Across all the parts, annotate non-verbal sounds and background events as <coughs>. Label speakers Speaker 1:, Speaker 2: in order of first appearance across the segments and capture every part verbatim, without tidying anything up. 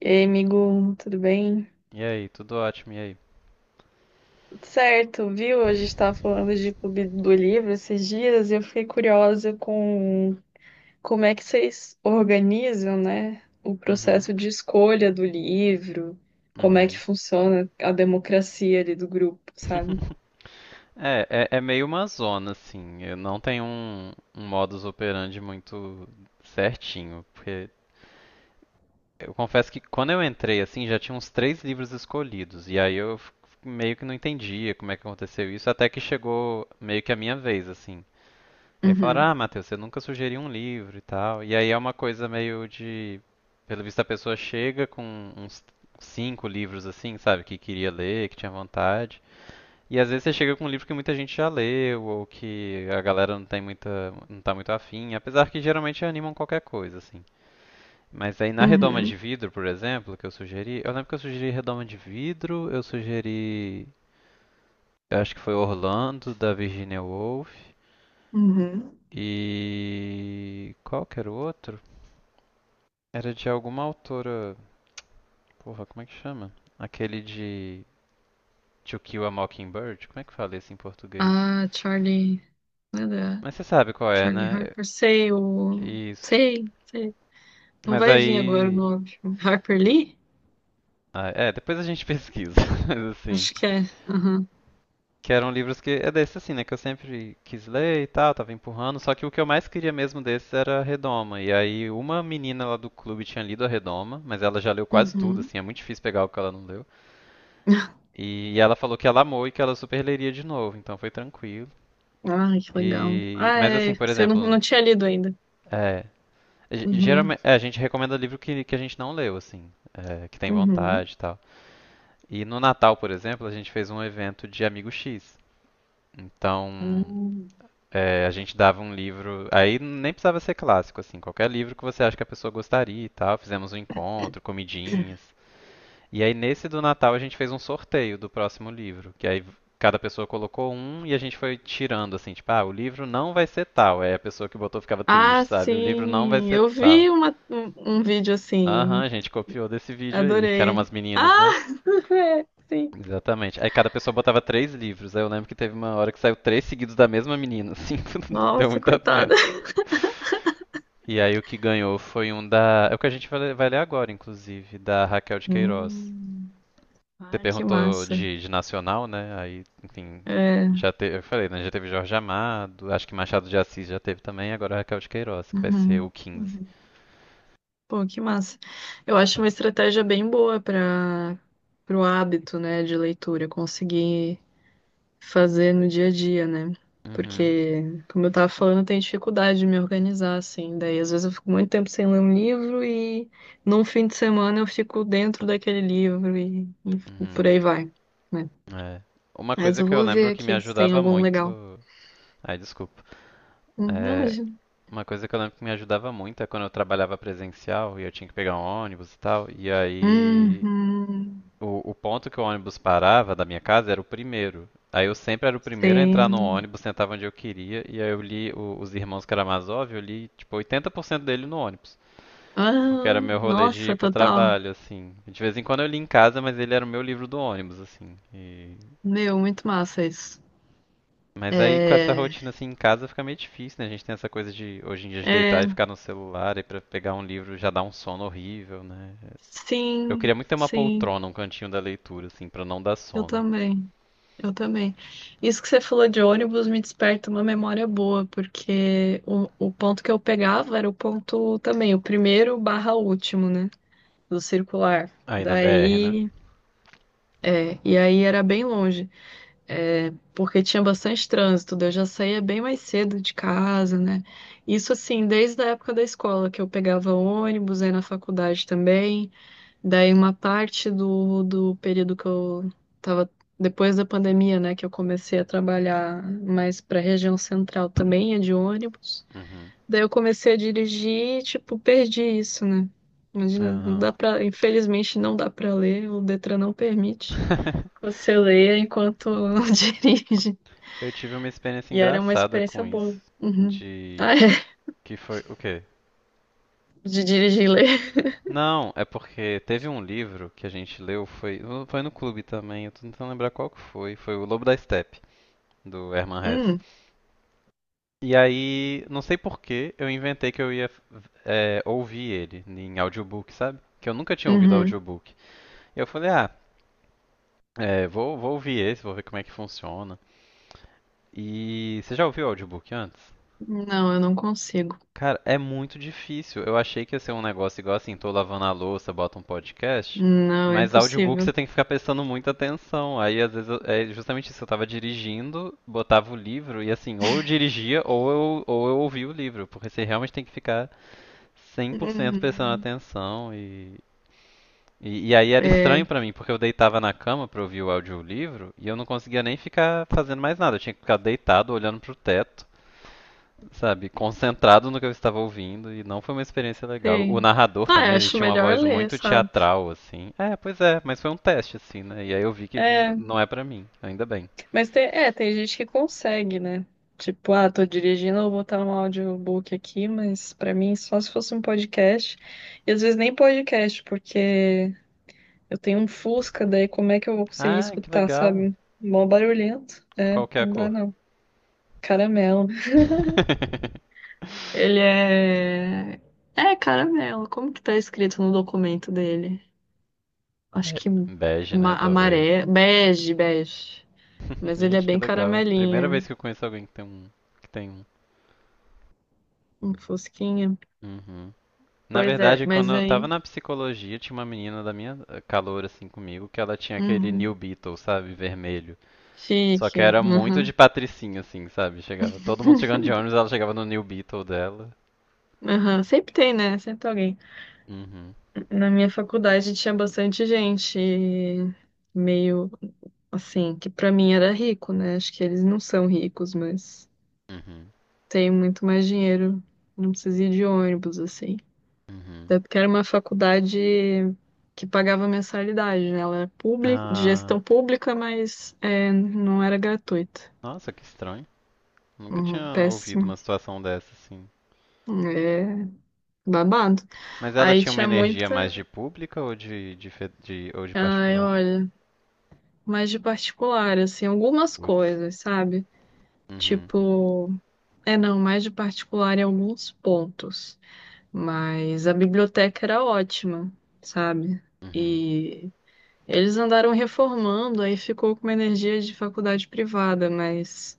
Speaker 1: E aí, amigo, tudo bem?
Speaker 2: E aí, tudo ótimo, e aí?
Speaker 1: Tudo certo, viu? A gente estava falando de Clube do Livro esses dias e eu fiquei curiosa com como é que vocês organizam, né, o
Speaker 2: Uhum,
Speaker 1: processo de escolha do livro, como é que
Speaker 2: uhum.
Speaker 1: funciona a democracia ali do grupo, sabe?
Speaker 2: <laughs> É, é, é meio uma zona, assim. Eu não tenho um, um modus operandi muito certinho, porque eu confesso que quando eu entrei, assim, já tinha uns três livros escolhidos, e aí eu f- meio que não entendia como é que aconteceu isso, até que chegou meio que a minha vez, assim. E aí falaram,
Speaker 1: Uhum.
Speaker 2: ah, Matheus, você nunca sugeriu um livro e tal. E aí é uma coisa meio de. Pelo visto, a pessoa chega com uns cinco livros assim, sabe? Que queria ler, que tinha vontade. E às vezes você chega com um livro que muita gente já leu, ou que a galera não tem muita, não tá muito afim, apesar que geralmente animam qualquer coisa, assim. Mas aí na Redoma
Speaker 1: Uhum.
Speaker 2: de Vidro, por exemplo, que eu sugeri, eu lembro que eu sugeri Redoma de Vidro, eu sugeri, eu acho que foi Orlando, da Virginia Woolf,
Speaker 1: Uhum.
Speaker 2: e qual que era o outro? Era de alguma autora. Porra, como é que chama? Aquele de To Kill a Mockingbird? Como é que fala isso em português?
Speaker 1: Ah, Charlie, nada,
Speaker 2: Mas você sabe qual é,
Speaker 1: Charlie
Speaker 2: né? É,
Speaker 1: Harper, sei, o...
Speaker 2: Isso.
Speaker 1: sei, sei. Não
Speaker 2: Mas
Speaker 1: vai vir agora o
Speaker 2: aí.
Speaker 1: nome. Harper Lee?
Speaker 2: Ah, é, depois a gente pesquisa. <laughs> Mas assim.
Speaker 1: Acho que é. Uhum.
Speaker 2: Que eram livros que. É desse assim, né? Que eu sempre quis ler e tal, tava empurrando. Só que o que eu mais queria mesmo desses era a Redoma. E aí uma menina lá do clube tinha lido a Redoma, mas ela já leu quase tudo,
Speaker 1: Uhum.
Speaker 2: assim, é muito difícil pegar o que ela não leu. E ela falou que ela amou e que ela super leria de novo, então foi tranquilo.
Speaker 1: Ai, que legal.
Speaker 2: E,
Speaker 1: Ah,
Speaker 2: mas
Speaker 1: é,
Speaker 2: assim,
Speaker 1: é,
Speaker 2: por
Speaker 1: você não,
Speaker 2: exemplo,
Speaker 1: não tinha lido ainda.
Speaker 2: é, ge-
Speaker 1: Uhum.
Speaker 2: geralmente, é, a gente recomenda livro que, que a gente não leu, assim, é, que tem
Speaker 1: Uhum.
Speaker 2: vontade e tal. E no Natal, por exemplo, a gente fez um evento de Amigo X. Então,
Speaker 1: Hum.
Speaker 2: é, a gente dava um livro, aí nem precisava ser clássico, assim, qualquer livro que você acha que a pessoa gostaria e tal. Fizemos um encontro, comidinhas. E aí nesse do Natal a gente fez um sorteio do próximo livro, que aí cada pessoa colocou um e a gente foi tirando assim, tipo, ah, o livro não vai ser tal. Aí a pessoa que botou ficava triste,
Speaker 1: Ah,
Speaker 2: sabe? O livro não vai
Speaker 1: sim,
Speaker 2: ser
Speaker 1: eu
Speaker 2: tal.
Speaker 1: vi uma, um, um vídeo
Speaker 2: Aham,
Speaker 1: assim,
Speaker 2: a gente copiou desse vídeo aí, que eram
Speaker 1: adorei.
Speaker 2: umas meninas, né?
Speaker 1: Ah, <laughs> é, sim.
Speaker 2: Exatamente. Aí cada pessoa botava três livros. Aí eu lembro que teve uma hora que saiu três seguidos da mesma menina, assim, <laughs> deu
Speaker 1: Nossa,
Speaker 2: muita pena.
Speaker 1: coitada.
Speaker 2: E aí o que ganhou foi um da. É o que a gente vai vai ler agora, inclusive, da Raquel de Queiroz.
Speaker 1: Hum,
Speaker 2: Você
Speaker 1: ah, que
Speaker 2: perguntou
Speaker 1: massa.
Speaker 2: de, de nacional, né? Aí, enfim,
Speaker 1: É.
Speaker 2: já teve, eu falei, né? Já teve Jorge Amado, acho que Machado de Assis já teve também, agora Raquel de Queiroz, que vai ser o
Speaker 1: Uhum.
Speaker 2: quinze.
Speaker 1: Uhum. Pô, que massa. Eu acho uma estratégia bem boa para o hábito, né, de leitura, conseguir fazer no dia a dia, né?
Speaker 2: Uhum,
Speaker 1: Porque, como eu tava falando, eu tenho dificuldade de me organizar, assim. Daí, às vezes, eu fico muito tempo sem ler um livro e num fim de semana eu fico dentro daquele livro e, e- e por
Speaker 2: uhum,
Speaker 1: aí vai, né?
Speaker 2: é. Uma
Speaker 1: Mas
Speaker 2: coisa
Speaker 1: eu
Speaker 2: que eu
Speaker 1: vou
Speaker 2: lembro
Speaker 1: ver
Speaker 2: que me
Speaker 1: aqui se tem
Speaker 2: ajudava
Speaker 1: algum
Speaker 2: muito.
Speaker 1: legal.
Speaker 2: Ai, desculpa.
Speaker 1: Hum, Não, mas.
Speaker 2: É, uma coisa que eu lembro que me ajudava muito é quando eu trabalhava presencial e eu tinha que pegar um ônibus e tal. E aí
Speaker 1: Uhum,
Speaker 2: O, o ponto que o ônibus parava da minha casa era o primeiro. Aí eu sempre era o primeiro a entrar no
Speaker 1: sim.
Speaker 2: ônibus, sentava onde eu queria, e aí eu li o- Os Irmãos Karamazov, eu li tipo oitenta por cento dele no ônibus. Porque era
Speaker 1: Ah,
Speaker 2: meu rolê de ir
Speaker 1: nossa,
Speaker 2: pro
Speaker 1: total.
Speaker 2: trabalho, assim. De vez em quando eu li em casa, mas ele era o meu livro do ônibus, assim. E-
Speaker 1: Meu, muito massa isso.
Speaker 2: Mas aí com essa
Speaker 1: É.
Speaker 2: rotina assim em casa fica meio difícil, né? A gente tem essa coisa de hoje em dia de
Speaker 1: É.
Speaker 2: deitar e ficar no celular e pra pegar um livro já dá um sono horrível, né? Eu
Speaker 1: Sim,
Speaker 2: queria muito ter uma
Speaker 1: sim.
Speaker 2: poltrona, um cantinho da leitura, assim, pra não dar
Speaker 1: Eu
Speaker 2: sono.
Speaker 1: também. Eu também. Isso que você falou de ônibus me desperta uma memória boa, porque o, o ponto que eu pegava era o ponto também, o primeiro barra último, né? Do circular.
Speaker 2: Aí na B R, né?
Speaker 1: Daí. É, e aí era bem longe, é, porque tinha bastante trânsito, daí eu já saía bem mais cedo de casa, né? Isso assim, desde a época da escola, que eu pegava ônibus, aí na faculdade também. Daí uma parte do, do período que eu tava depois da pandemia, né, que eu comecei a trabalhar mais para a região central também, é de ônibus.
Speaker 2: Uhum.
Speaker 1: Daí eu comecei a dirigir, e, tipo, perdi isso, né? Imagina, não
Speaker 2: Aham.
Speaker 1: dá para, infelizmente não dá para ler, o Detran não permite.
Speaker 2: <laughs>
Speaker 1: Você lê enquanto <laughs> dirige.
Speaker 2: Eu tive uma experiência
Speaker 1: E era uma
Speaker 2: engraçada
Speaker 1: experiência
Speaker 2: com
Speaker 1: boa.
Speaker 2: isso.
Speaker 1: Uhum. Ah,
Speaker 2: De.
Speaker 1: é,
Speaker 2: Que foi. O quê?
Speaker 1: de dirigir e ler.
Speaker 2: Não, é porque teve um livro que a gente leu, foi, foi, no clube também, eu tô tentando lembrar qual que foi. Foi O Lobo da Steppe, do Hermann Hesse.
Speaker 1: Hum.
Speaker 2: E aí, não sei por que, eu inventei que eu ia é, ouvir ele em audiobook, sabe? Que eu nunca tinha ouvido
Speaker 1: Uhum.
Speaker 2: audiobook. E eu falei, ah, é, vou, vou ouvir esse, vou ver como é que funciona. E você já ouviu audiobook antes?
Speaker 1: Não, eu não consigo.
Speaker 2: Cara, é muito difícil. Eu achei que ia ser um negócio igual assim, tô lavando a louça, bota um podcast,
Speaker 1: Não, é
Speaker 2: mas audiobook
Speaker 1: impossível.
Speaker 2: você tem que ficar prestando muita atenção. Aí às vezes eu- é justamente isso, eu tava dirigindo, botava o livro e assim, ou eu dirigia ou eu, ou eu ouvia o livro, porque você realmente tem que ficar cem por cento prestando
Speaker 1: Uhum.
Speaker 2: atenção e e, e aí era
Speaker 1: É,
Speaker 2: estranho pra mim, porque eu deitava na cama pra ouvir o audiolivro e eu não conseguia nem ficar fazendo mais nada. Eu tinha que ficar deitado olhando pro teto, sabe, concentrado no que eu estava ouvindo e não foi uma experiência legal. O
Speaker 1: sim.
Speaker 2: narrador
Speaker 1: Ah, eu
Speaker 2: também, ele
Speaker 1: acho
Speaker 2: tinha uma
Speaker 1: melhor
Speaker 2: voz
Speaker 1: ler,
Speaker 2: muito
Speaker 1: sabe?
Speaker 2: teatral, assim. É, pois é, mas foi um teste, assim, né? E aí eu vi que n-
Speaker 1: É,
Speaker 2: não é pra mim, ainda bem.
Speaker 1: mas tem, é, tem gente que consegue, né? Tipo, ah, tô dirigindo, eu vou botar um audiobook aqui, mas pra mim só se fosse um podcast. E às vezes nem podcast, porque eu tenho um Fusca, daí como é que eu vou conseguir
Speaker 2: Ah, que
Speaker 1: escutar,
Speaker 2: legal.
Speaker 1: sabe? Mó barulhento. É,
Speaker 2: Qual que é a
Speaker 1: não dá
Speaker 2: cor?
Speaker 1: não. Caramelo.
Speaker 2: <laughs>
Speaker 1: Ele é. É, caramelo. Como que tá escrito no documento dele? Acho
Speaker 2: Be-
Speaker 1: que
Speaker 2: Bege, né,
Speaker 1: ma-
Speaker 2: talvez.
Speaker 1: amarelo. Bege, bege.
Speaker 2: <laughs>
Speaker 1: Mas ele é
Speaker 2: Gente, que
Speaker 1: bem
Speaker 2: legal. Primeira
Speaker 1: caramelinho,
Speaker 2: vez que eu conheço alguém que tem um. Que tem um.
Speaker 1: um fusquinha.
Speaker 2: Uhum. Na
Speaker 1: Pois é,
Speaker 2: verdade, quando
Speaker 1: mas
Speaker 2: eu tava
Speaker 1: aí.
Speaker 2: na psicologia, tinha uma menina da minha eh, calor, assim, comigo, que ela tinha aquele New
Speaker 1: Uhum.
Speaker 2: Beetle, sabe, vermelho. Só que
Speaker 1: Chique.
Speaker 2: era muito
Speaker 1: Uhum.
Speaker 2: de patricinha, assim, sabe? Chegava, todo mundo chegando de ônibus, ela chegava no New Beetle dela.
Speaker 1: Uhum. Sempre tem, né? Sempre tem alguém.
Speaker 2: Uhum,
Speaker 1: Na minha faculdade tinha bastante gente meio assim, que pra mim era rico, né? Acho que eles não são ricos, mas
Speaker 2: uhum,
Speaker 1: tem muito mais dinheiro. Não precisa ir de ônibus, assim.
Speaker 2: uhum.
Speaker 1: Até porque era uma faculdade que pagava mensalidade, né? Ela era pública, de
Speaker 2: Ah,
Speaker 1: gestão pública, mas é, não era gratuita.
Speaker 2: nossa, que estranho. Nunca
Speaker 1: Uhum.
Speaker 2: tinha ouvido
Speaker 1: Péssimo.
Speaker 2: uma situação dessa, assim.
Speaker 1: É, babado.
Speaker 2: Mas ela
Speaker 1: Aí
Speaker 2: tinha uma
Speaker 1: tinha
Speaker 2: energia mais
Speaker 1: muita.
Speaker 2: de pública ou de, de, fe- de- ou de
Speaker 1: Ai,
Speaker 2: particular?
Speaker 1: olha, mais de particular, assim, algumas
Speaker 2: Putz.
Speaker 1: coisas, sabe?
Speaker 2: Uhum,
Speaker 1: Tipo, é não, mais de particular em alguns pontos. Mas a biblioteca era ótima, sabe?
Speaker 2: uhum,
Speaker 1: E eles andaram reformando, aí ficou com uma energia de faculdade privada, mas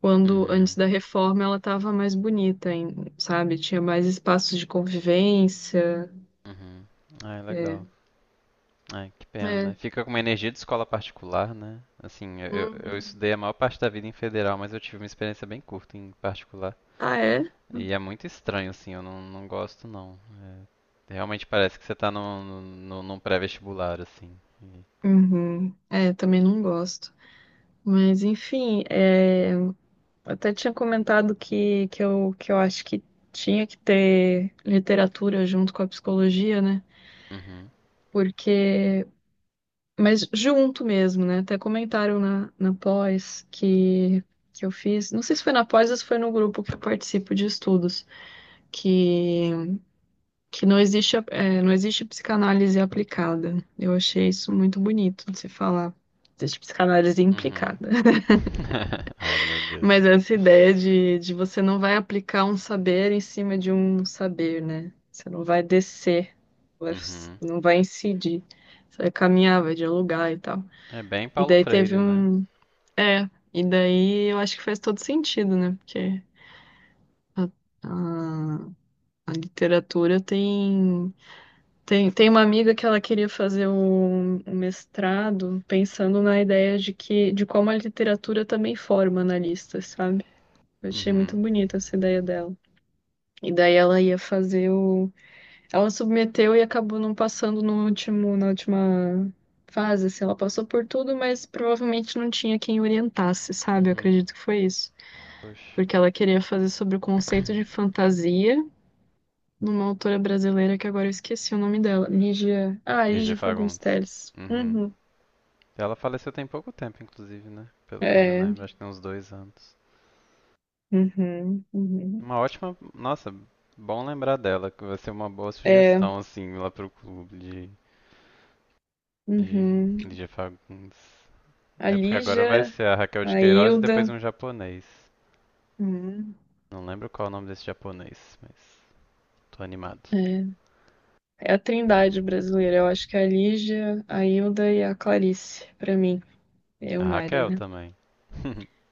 Speaker 1: quando, antes
Speaker 2: uhum,
Speaker 1: da reforma, ela tava mais bonita, hein, sabe? Tinha mais espaços de convivência.
Speaker 2: uhum. Ai, legal.
Speaker 1: É.
Speaker 2: Ai, que pena, né?
Speaker 1: É.
Speaker 2: Fica com uma energia de escola particular, né? Assim, eu, eu eu
Speaker 1: Uhum.
Speaker 2: estudei a maior parte da vida em federal, mas eu tive uma experiência bem curta em particular.
Speaker 1: Ah, é?
Speaker 2: E é muito estranho, assim, eu não, não gosto não. É, realmente parece que você tá no no no- num pré-vestibular, assim. E-
Speaker 1: Uhum. É, também não gosto. Mas enfim, é, eu até tinha comentado que, que, eu, que eu acho que tinha que ter literatura junto com a psicologia, né?
Speaker 2: Uhum,
Speaker 1: Porque. Mas junto mesmo, né? Até comentaram na, na pós que, que eu fiz. Não sei se foi na pós ou se foi no grupo que eu participo de estudos, que, que não existe, a- é, não existe psicanálise aplicada. Eu achei isso muito bonito de se falar. Existe psicanálise
Speaker 2: uhum.
Speaker 1: implicada.
Speaker 2: <laughs> Ai, meu Deus.
Speaker 1: Mas essa ideia de, de você não vai aplicar um saber em cima de um saber, né? Você não vai descer, vai-
Speaker 2: Uhum.
Speaker 1: não vai incidir. Você vai caminhar, vai dialogar e tal.
Speaker 2: É bem
Speaker 1: E
Speaker 2: Paulo
Speaker 1: daí teve
Speaker 2: Freire, né?
Speaker 1: um. É, e daí eu acho que faz todo sentido, né? Porque a, a, a literatura tem. Tem, tem uma amiga que ela queria fazer um, um mestrado pensando na ideia de que de como a literatura também forma analistas, sabe? Eu achei muito
Speaker 2: Uhum,
Speaker 1: bonita essa ideia dela. E daí ela ia fazer o. Ela submeteu e acabou não passando no último, na última fase, assim. Ela passou por tudo, mas provavelmente não tinha quem orientasse, sabe? Eu
Speaker 2: uhum.
Speaker 1: acredito que foi isso.
Speaker 2: Poxa.
Speaker 1: Porque ela queria fazer sobre o conceito de
Speaker 2: <coughs>
Speaker 1: fantasia numa autora brasileira que agora eu esqueci o nome dela. Lígia. Ah,
Speaker 2: <clears throat> Lígia
Speaker 1: Lígia Fagundes
Speaker 2: Fagundes.
Speaker 1: Telles.
Speaker 2: Uhum.
Speaker 1: Uhum.
Speaker 2: Ela faleceu tem pouco tempo, inclusive, né? Pelo que eu me
Speaker 1: É.
Speaker 2: lembro, acho que tem uns dois anos.
Speaker 1: Uhum. Uhum.
Speaker 2: Uma ótima. Nossa, bom lembrar dela, que vai ser uma boa
Speaker 1: É.
Speaker 2: sugestão, assim, lá pro clube. E
Speaker 1: Uhum.
Speaker 2: Lídia Fagundes.
Speaker 1: A
Speaker 2: É porque agora vai
Speaker 1: Lígia,
Speaker 2: ser a Raquel
Speaker 1: a
Speaker 2: de Queiroz e depois
Speaker 1: Hilda.
Speaker 2: um japonês.
Speaker 1: Uhum.
Speaker 2: Não lembro qual é o nome desse japonês, mas tô animado.
Speaker 1: É. É a trindade brasileira. Eu acho que é a Lígia, a Hilda e a Clarice, pra mim. É
Speaker 2: A
Speaker 1: o Mário,
Speaker 2: Raquel
Speaker 1: né?
Speaker 2: também.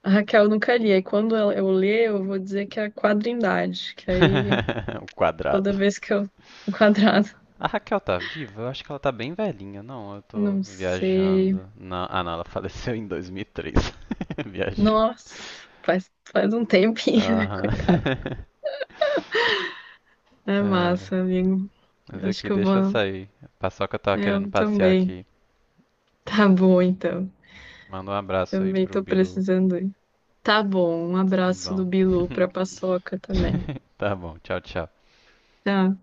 Speaker 1: A Raquel eu nunca li. Aí quando ela- eu ler, eu vou dizer que é a quadrindade. Que aí
Speaker 2: <laughs> O
Speaker 1: toda
Speaker 2: quadrado.
Speaker 1: vez que eu. <laughs> O quadrado.
Speaker 2: A Raquel tá viva? Eu acho que ela tá bem velhinha. Não, eu tô
Speaker 1: Não sei.
Speaker 2: viajando. Não, ah, não, ela faleceu em dois mil e três. <laughs> Viajei.
Speaker 1: Nossa, faz, faz um tempinho, né? <laughs>
Speaker 2: Aham.
Speaker 1: Coitado.
Speaker 2: <laughs>
Speaker 1: É
Speaker 2: É,
Speaker 1: massa, amigo.
Speaker 2: mas
Speaker 1: Eu acho
Speaker 2: aqui,
Speaker 1: que eu
Speaker 2: deixa eu
Speaker 1: vou.
Speaker 2: sair. A Paçoca tava querendo
Speaker 1: Eu
Speaker 2: passear
Speaker 1: também.
Speaker 2: aqui.
Speaker 1: Tá bom, então.
Speaker 2: Manda um abraço aí
Speaker 1: Também
Speaker 2: pro
Speaker 1: tô
Speaker 2: Bilu.
Speaker 1: precisando ir. Tá bom. Um
Speaker 2: Tá
Speaker 1: abraço do
Speaker 2: bom.
Speaker 1: Bilu pra Paçoca
Speaker 2: <laughs>
Speaker 1: também.
Speaker 2: <laughs> Tá bom, tchau, tchau.
Speaker 1: Tchau.